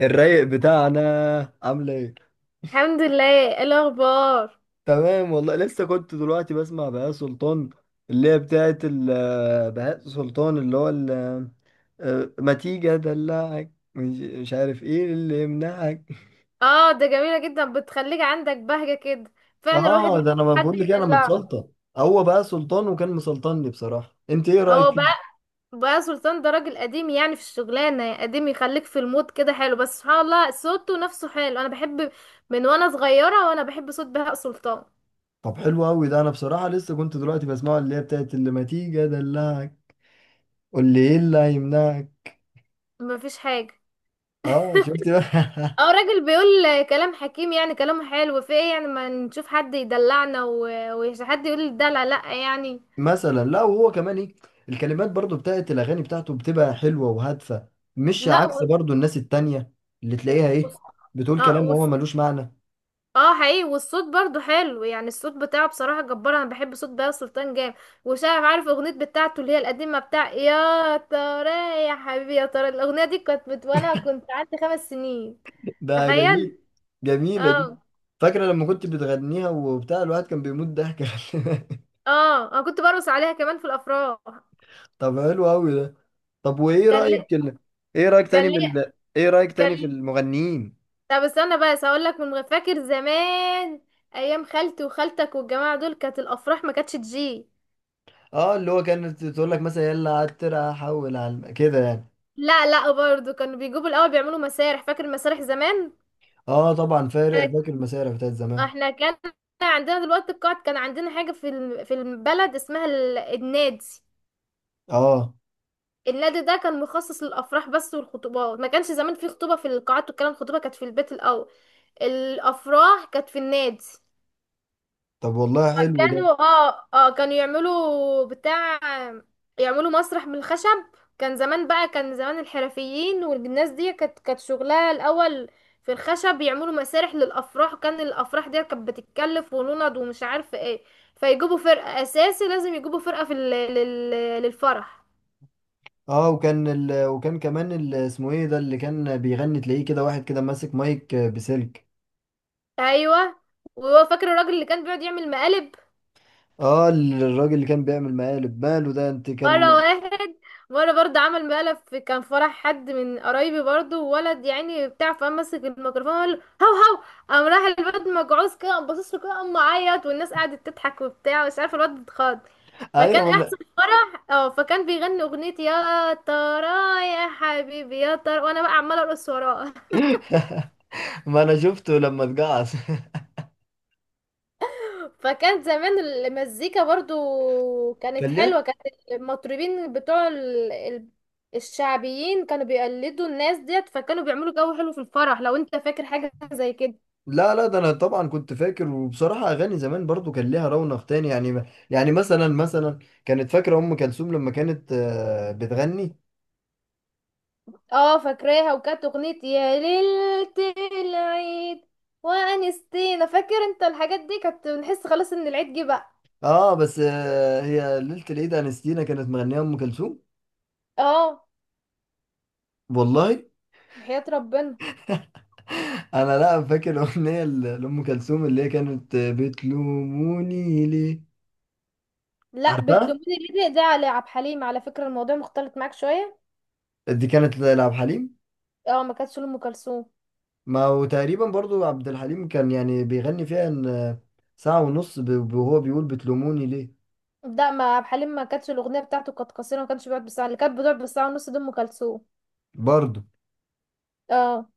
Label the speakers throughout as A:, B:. A: الرايق بتاعنا، عامله ايه؟
B: الحمد لله. إيه الاخبار؟
A: تمام والله، لسه كنت دلوقتي بسمع بهاء سلطان اللي هي بتاعت بهاء سلطان اللي هو ما تيجي ادلعك، مش عارف ايه اللي يمنعك.
B: اه، ده جميله جدا، بتخليك عندك بهجه كده. فعلا الواحد
A: اه
B: محتاج
A: ده انا ما
B: حد
A: بقول لك إيه، انا
B: يدلعه.
A: متسلطن. هو بقى سلطان وكان مسلطني بصراحه. انت ايه رايك
B: هو
A: فيه؟
B: بقى سلطان ده راجل قديم، يعني في الشغلانه قديم، يخليك في المود كده حلو. بس سبحان الله، صوته نفسه حلو. انا بحب من وانا صغيره، وانا بحب صوت بهاء سلطان.
A: طب حلو قوي ده. انا بصراحه لسه كنت دلوقتي بسمعه اللي هي بتاعت اللي ما تيجي ادلعك. قول لي ايه اللي هيمنعك.
B: مفيش حاجه.
A: اه شفت بقى.
B: اه، راجل بيقول كلام حكيم، يعني كلامه حلو. في ايه يعني؟ ما نشوف حد يدلعنا و- وحد يقول الدلع، لا يعني.
A: مثلا لا. وهو كمان ايه، الكلمات برضو بتاعت الاغاني بتاعته بتبقى حلوه وهادفه، مش
B: لا
A: عكس
B: و...
A: برضو الناس التانية اللي تلاقيها ايه، بتقول كلام
B: اه،
A: وهو ملوش معنى.
B: اه، حقيقي، والصوت برضو حلو يعني. الصوت بتاعه بصراحة جبار. انا بحب صوت بهاء سلطان جامد. وشايف عارف اغنية بتاعته اللي هي القديمة، بتاع يا ترى، يا حبيبي يا ترى؟ الاغنية دي كانت وانا كنت عندي 5 سنين.
A: ده
B: تخيل.
A: جميل. جميله دي.
B: اه،
A: فاكره لما كنت بتغنيها وبتاع، الواحد كان بيموت ضحك.
B: اه، انا كنت برقص عليها كمان في الافراح.
A: طب حلو قوي ده. طب وايه
B: كان لي
A: رايك ايه رايك تاني
B: كان لي
A: من ايه رايك
B: كان
A: تاني في
B: لي
A: المغنيين؟
B: طب استنى بس هقول لك من فاكر زمان. ايام خالتي وخالتك والجماعة دول، كانت الافراح ما كانتش تجي.
A: اه، اللي هو كانت تقول لك مثلا يلا عترة حول على كده يعني.
B: لا، لا، برضو كانوا بيجيبوا الاول، بيعملوا مسارح. فاكر المسارح زمان؟
A: اه طبعا فارق، فاكر المسارح بتاعت زمان.
B: احنا كان عندنا دلوقتي القاعد، كان عندنا حاجة في البلد اسمها النادي.
A: اه.
B: النادي ده كان مخصص للأفراح بس، والخطوبات ما كانش زمان في خطوبة في القاعات والكلام. الخطوبة كانت في البيت الأول. الأفراح كانت في النادي.
A: طب والله حلو ده.
B: كانوا، كانوا يعملوا بتاع، يعملوا مسرح من الخشب. كان زمان الحرفيين والناس دي، كانت شغلها الاول في الخشب، يعملوا مسارح للافراح. وكان الافراح دي كانت بتتكلف ونند ومش عارفه ايه. فيجيبوا فرقه، اساسي لازم يجيبوا فرقه للفرح.
A: اه وكان وكان كمان اسمه ايه ده اللي كان بيغني، تلاقيه كده واحد كده ماسك مايك بسلك.
B: ايوه. وهو فاكر الراجل اللي كان بيقعد يعمل مقالب؟
A: اه الراجل اللي كان بيعمل مقالب، ماله ده؟ انت
B: مرة
A: كان.
B: واحد، مرة برضه عمل مقلب في، كان فرح حد من قرايبي برضه، وولد يعني بتاع، فقام مسك الميكروفون وقال له: هو هو. قام راح الواد مجعوز كده، قام باصص له كده، قام معيط، والناس قعدت تضحك وبتاع، مش عارفة، الواد اتخض. فكان
A: ايوه ما
B: احسن فرح. اه، فكان بيغني اغنية يا ترى، يا حبيبي يا ترى، وانا بقى عمالة ارقص وراه.
A: انا. ما انا شفته لما اتجعص.
B: فكان زمان المزيكا برضو
A: كان
B: كانت حلوة.
A: ليها.
B: كانت المطربين بتوع الشعبيين كانوا بيقلدوا الناس ديت، فكانوا بيعملوا جو حلو في الفرح. لو انت فاكر حاجة زي كده.
A: لا لا، ده انا طبعا كنت فاكر. وبصراحه اغاني زمان برضو كان ليها رونق تاني يعني. يعني مثلا مثلا كانت فاكره ام كلثوم لما كانت بتغني.
B: اه، فاكراها، وكانت اغنية يا ليلة العيد وانستينا. فاكر انت الحاجات دي؟ كانت بنحس خلاص ان العيد جه بقى.
A: اه بس هي ليله العيد انستينا كانت مغنيه ام كلثوم.
B: اه،
A: والله
B: بحياة ربنا.
A: انا لا فاكر الاغنيه لام كلثوم اللي هي كانت بتلوموني ليه.
B: لا،
A: عارفها،
B: بتلوميني ليه ده على عبد الحليم. على فكرة الموضوع مختلط معاك شوية.
A: دي كانت لعبد الحليم.
B: اه، ما كانتش لأم كلثوم.
A: ما هو تقريبا برضو عبد الحليم كان يعني بيغني فيها ان ساعه ونص وهو بيقول بتلوموني ليه
B: ده ما عبد الحليم، ما كانتش الاغنيه بتاعته، كانت قصيره، ما كانش بيقعد بالساعه. اللي كانت بتقعد بالساعه ونص دي ام كلثوم.
A: برضو.
B: اه.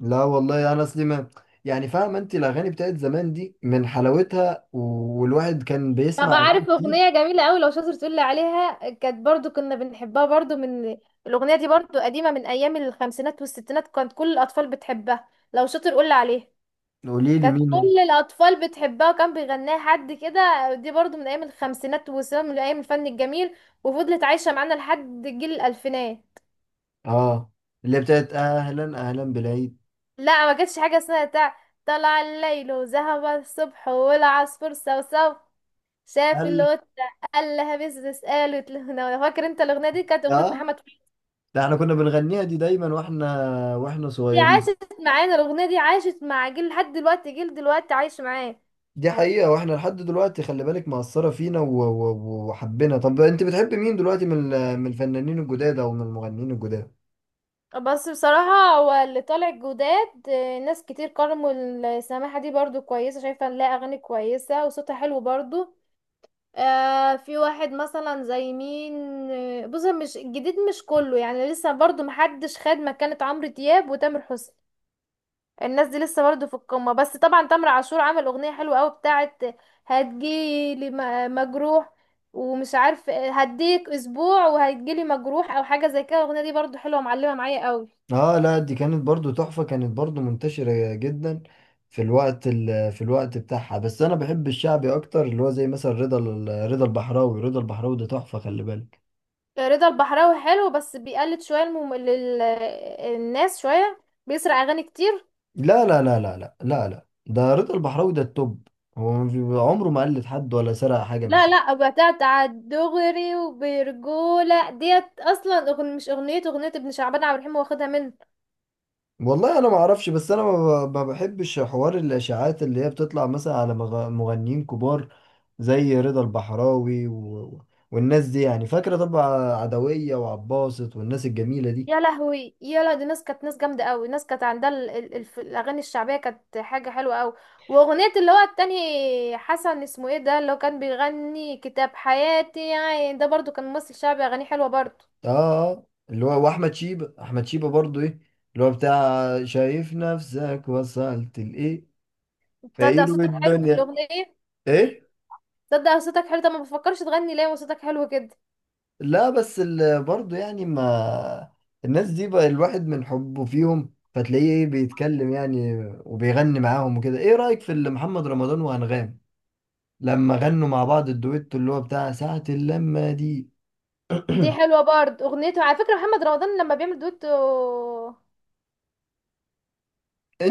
A: لا والله انا اصلي ما، يعني فاهمه انت الاغاني بتاعت زمان دي من حلاوتها والواحد كان بيسمع
B: طب
A: اغاني
B: عارف
A: كتير.
B: اغنيه جميله قوي لو شاطر تقول لي عليها؟ كانت برضو كنا بنحبها برضو من... الاغنيه دي برضو قديمه، من ايام الخمسينات والستينات، كانت كل الاطفال بتحبها. لو شاطر قول لي عليها.
A: قولي لي
B: كانت
A: مين هي.
B: كل الاطفال بتحبها، وكان بيغناها حد كده. دي برضو من ايام الخمسينات والستينات، من ايام الفن الجميل، وفضلت عايشه معانا لحد جيل الالفينات.
A: اه، اللي بتاعت اهلا اهلا بالعيد.
B: لا، ما كانتش حاجة اسمها طلع الليل وذهب الصبح والعصفور صوصو شاف
A: قال.
B: القطة قال لها بس قالت له أنا. فاكر انت الأغنية دي؟ كانت أغنية
A: اه
B: محمد فوزي.
A: ده احنا كنا بنغنيها دي دايما واحنا
B: دي
A: صغيرين.
B: عاشت معانا، الأغنية دي عاشت مع جيل، لحد دلوقتي جيل دلوقتي عايش معاه.
A: دي حقيقة، واحنا لحد دلوقتي خلي بالك مأثرة فينا وحبينا. طب انت بتحب مين دلوقتي من من الفنانين الجداد او من المغنيين الجداد؟
B: بس بصراحة، هو اللي طالع جداد ناس كتير قرموا. السماحة دي برضو كويسة، شايفة إن لها أغاني كويسة وصوتها حلو برضو. في واحد مثلا زي مين؟ بص، مش الجديد مش كله يعني، لسه برضو محدش خد مكانة عمرو دياب وتامر حسني. الناس دي لسه برضو في القمة. بس طبعا تامر عاشور عمل اغنية حلوة قوي بتاعت هتجيلي مجروح، ومش عارف هديك اسبوع وهتجيلي مجروح، او حاجة زي كده. الاغنية دي برضو حلوة، معلمة معايا قوي.
A: اه لا، دي كانت برضو تحفة، كانت برضو منتشرة جدا في الوقت في الوقت بتاعها. بس انا بحب الشعبي اكتر، اللي هو زي مثلا رضا رضا البحراوي. رضا البحراوي ده تحفة خلي بالك.
B: رضا البحراوي حلو، بس بيقلد شوية الناس شوية، بيسرق اغاني كتير.
A: لا لا لا لا لا لا لا، ده رضا البحراوي ده التوب. هو ما عمره ما قلد حد ولا سرق حاجة من
B: لا،
A: حد.
B: لا، بتاعت على الدغري وبرجولة ديت، اصلا مش اغنية، اغنية ابن شعبان عبد الرحيم واخدها منه.
A: والله انا ما اعرفش، بس انا ما ما بحبش حوار الاشاعات اللي هي بتطلع مثلا على مغنيين كبار زي رضا البحراوي و... والناس دي، يعني فاكره طبعا عدويه وعباسط والناس الجميله دي.
B: يا لهوي، يا لا، دي ناس كانت ناس جامدة قوي. ناس كانت عندها الاغاني الشعبية، كانت حاجة حلوة قوي. واغنية اللي هو التاني، حسن اسمه ايه ده، اللي هو كان بيغني كتاب حياتي يعني. ده برضو كان ممثل شعبي، اغانيه حلوة برضو.
A: اه اللي هو واحمد شيبه، احمد شيبه برضو ايه، اللي هو بتاع شايف نفسك وصلت لايه،
B: تصدق
A: فقير
B: صوتك حلو في
A: والدنيا.
B: الاغنية؟
A: ايه؟
B: تصدق صوتك حلو. طب ما بفكرش تغني ليه وصوتك حلو كده؟
A: لا بس برضه يعني ما، الناس دي بقى الواحد من حبه فيهم فتلاقيه ايه بيتكلم يعني وبيغني معاهم وكده. ايه رأيك في اللي محمد رمضان وأنغام لما غنوا مع بعض الدويتو اللي هو بتاع ساعة اللمة دي؟
B: دي حلوة برضو اغنيته، على فكرة محمد رمضان لما بيعمل دويتو.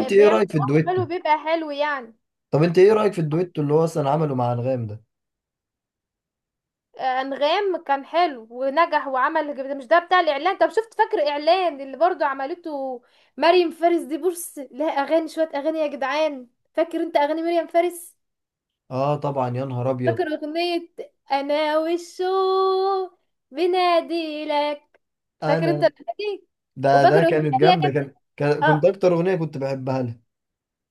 A: ايه
B: بيعمل
A: رأيك في
B: لوحده
A: الدويتو؟
B: حلو، بيبقى حلو يعني.
A: طب انت ايه رأيك في الدويتو اللي هو اصلا عمله مع أنغام ده؟
B: انغام كان حلو ونجح. وعمل، مش ده بتاع الاعلان؟ طب شفت فاكر اعلان اللي برضو عملته؟ مريم فارس دي بص، لها اغاني، شويه اغاني يا جدعان. فاكر انت اغاني مريم فارس؟
A: اه طبعا، يا نهار
B: فاكر
A: ابيض.
B: اغنيه انا والشوق بنادي لك؟ فاكر انت
A: انا
B: الاغنيه دي؟
A: ده
B: وفاكر
A: ده
B: اغنيه
A: كانت
B: اللي هي
A: جامدة،
B: كانت.
A: كنت
B: اه،
A: اكتر اغنية كنت بحبها لها.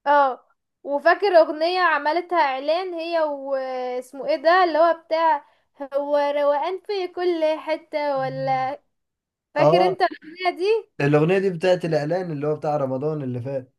B: اه، وفاكر اغنية عملتها اعلان، هي واسمه ايه ده، اللي هو بتاع، هو روقان في كل حتة ولا؟ فاكر
A: اه
B: انت الاغنية دي؟
A: الاغنية دي بتاعت الاعلان اللي هو بتاع رمضان اللي فات.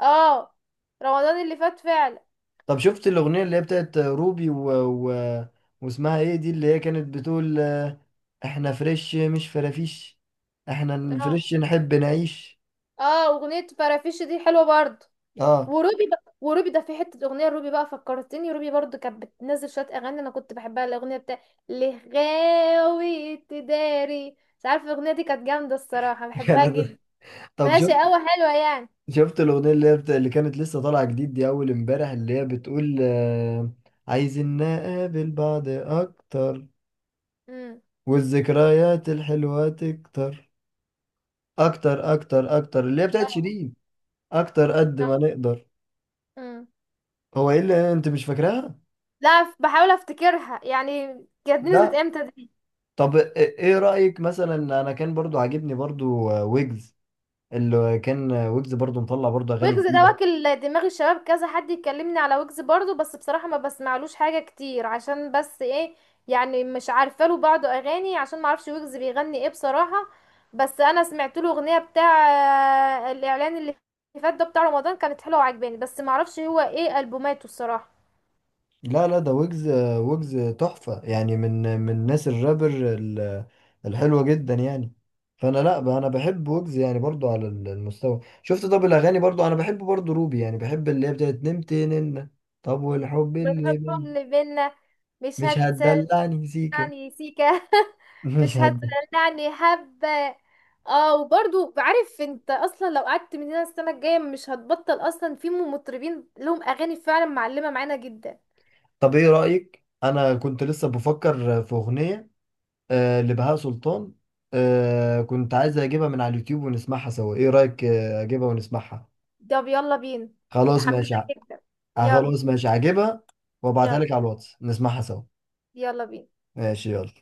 B: اه، رمضان اللي فات فعلا.
A: طب شفت الأغنية اللي هي بتاعت روبي و... واسمها ايه دي اللي هي كانت بتقول احنا فريش مش فرافيش، احنا
B: اه،
A: الفريش نحب نعيش.
B: اه، اغنية فرافيش دي حلوة برضه.
A: اه.
B: وروبي بقى، وروبي ده في حتة اغنية، روبي بقى فكرتني، روبي برضه كانت بتنزل شوية اغاني انا كنت بحبها، الاغنية بتاع اللي غاوي تداري. مش عارفة، الاغنية دي كانت جامدة الصراحة، بحبها
A: كانت.
B: جدا.
A: طب
B: ماشي
A: شفت،
B: قوي، حلوة يعني.
A: شفت الأغنية اللي هي اللي كانت لسه طالعة جديد دي أول امبارح اللي هي بتقول عايزين نقابل بعض أكتر،
B: امم.
A: والذكريات الحلوة تكتر، أكتر أكتر أكتر، اللي هي بتاعت
B: اه.
A: شيرين، أكتر قد ما نقدر.
B: امم.
A: هو ايه اللي انت مش فاكراها؟
B: لا، بحاول افتكرها يعني. كانت نزلت
A: لا.
B: امتى دي؟
A: طب ايه رأيك مثلا، انا كان برضو عاجبني برضو ويجز. اللي كان ويجز برضو مطلع برضو اغاني
B: ويجز ده
A: جديدة.
B: واكل دماغ الشباب، كذا حد يكلمني على ويجز برضو. بس بصراحة ما بسمعلوش حاجة كتير عشان بس ايه، يعني مش عارفة، له بعض اغاني، عشان ما اعرفش ويجز بيغني ايه بصراحة. بس انا سمعت له اغنية بتاع الاعلان اللي فات ده بتاع رمضان، كانت حلوة وعجباني. بس ما اعرفش هو ايه البوماته الصراحة.
A: لا لا ده ويجز، ويجز تحفة يعني، من من ناس الرابر الحلوة جدا يعني. فانا لا انا بحب ويجز يعني برضو على المستوى شفت. طب الاغاني برضو انا بحب برضو روبي، يعني بحب اللي هي بتاعت نمت نن. طب والحب اللي
B: بالحب
A: من،
B: اللي بينا مش
A: مش
B: هنسى.
A: هتدلعني سيكا.
B: يعني سيكا مش
A: مش هتدلعني.
B: هتدلعني حبة. اه، وبرضو بعرف انت اصلا لو قعدت من هنا السنة الجاية مش هتبطل. اصلا في مطربين لهم اغاني فعلا معلمة معانا جدا.
A: طب ايه رأيك، انا كنت لسه بفكر في اغنية لبهاء سلطان. كنت عايز اجيبها من على اليوتيوب ونسمعها سوا. ايه رأيك اجيبها ونسمعها؟
B: طب يلا بينا.
A: خلاص
B: متحمسة
A: ماشي
B: جدا. يلا،
A: خلاص ماشي هجيبها وابعتها
B: يلا،
A: لك على الواتس نسمعها سوا.
B: يلا بينا.
A: ماشي يلا.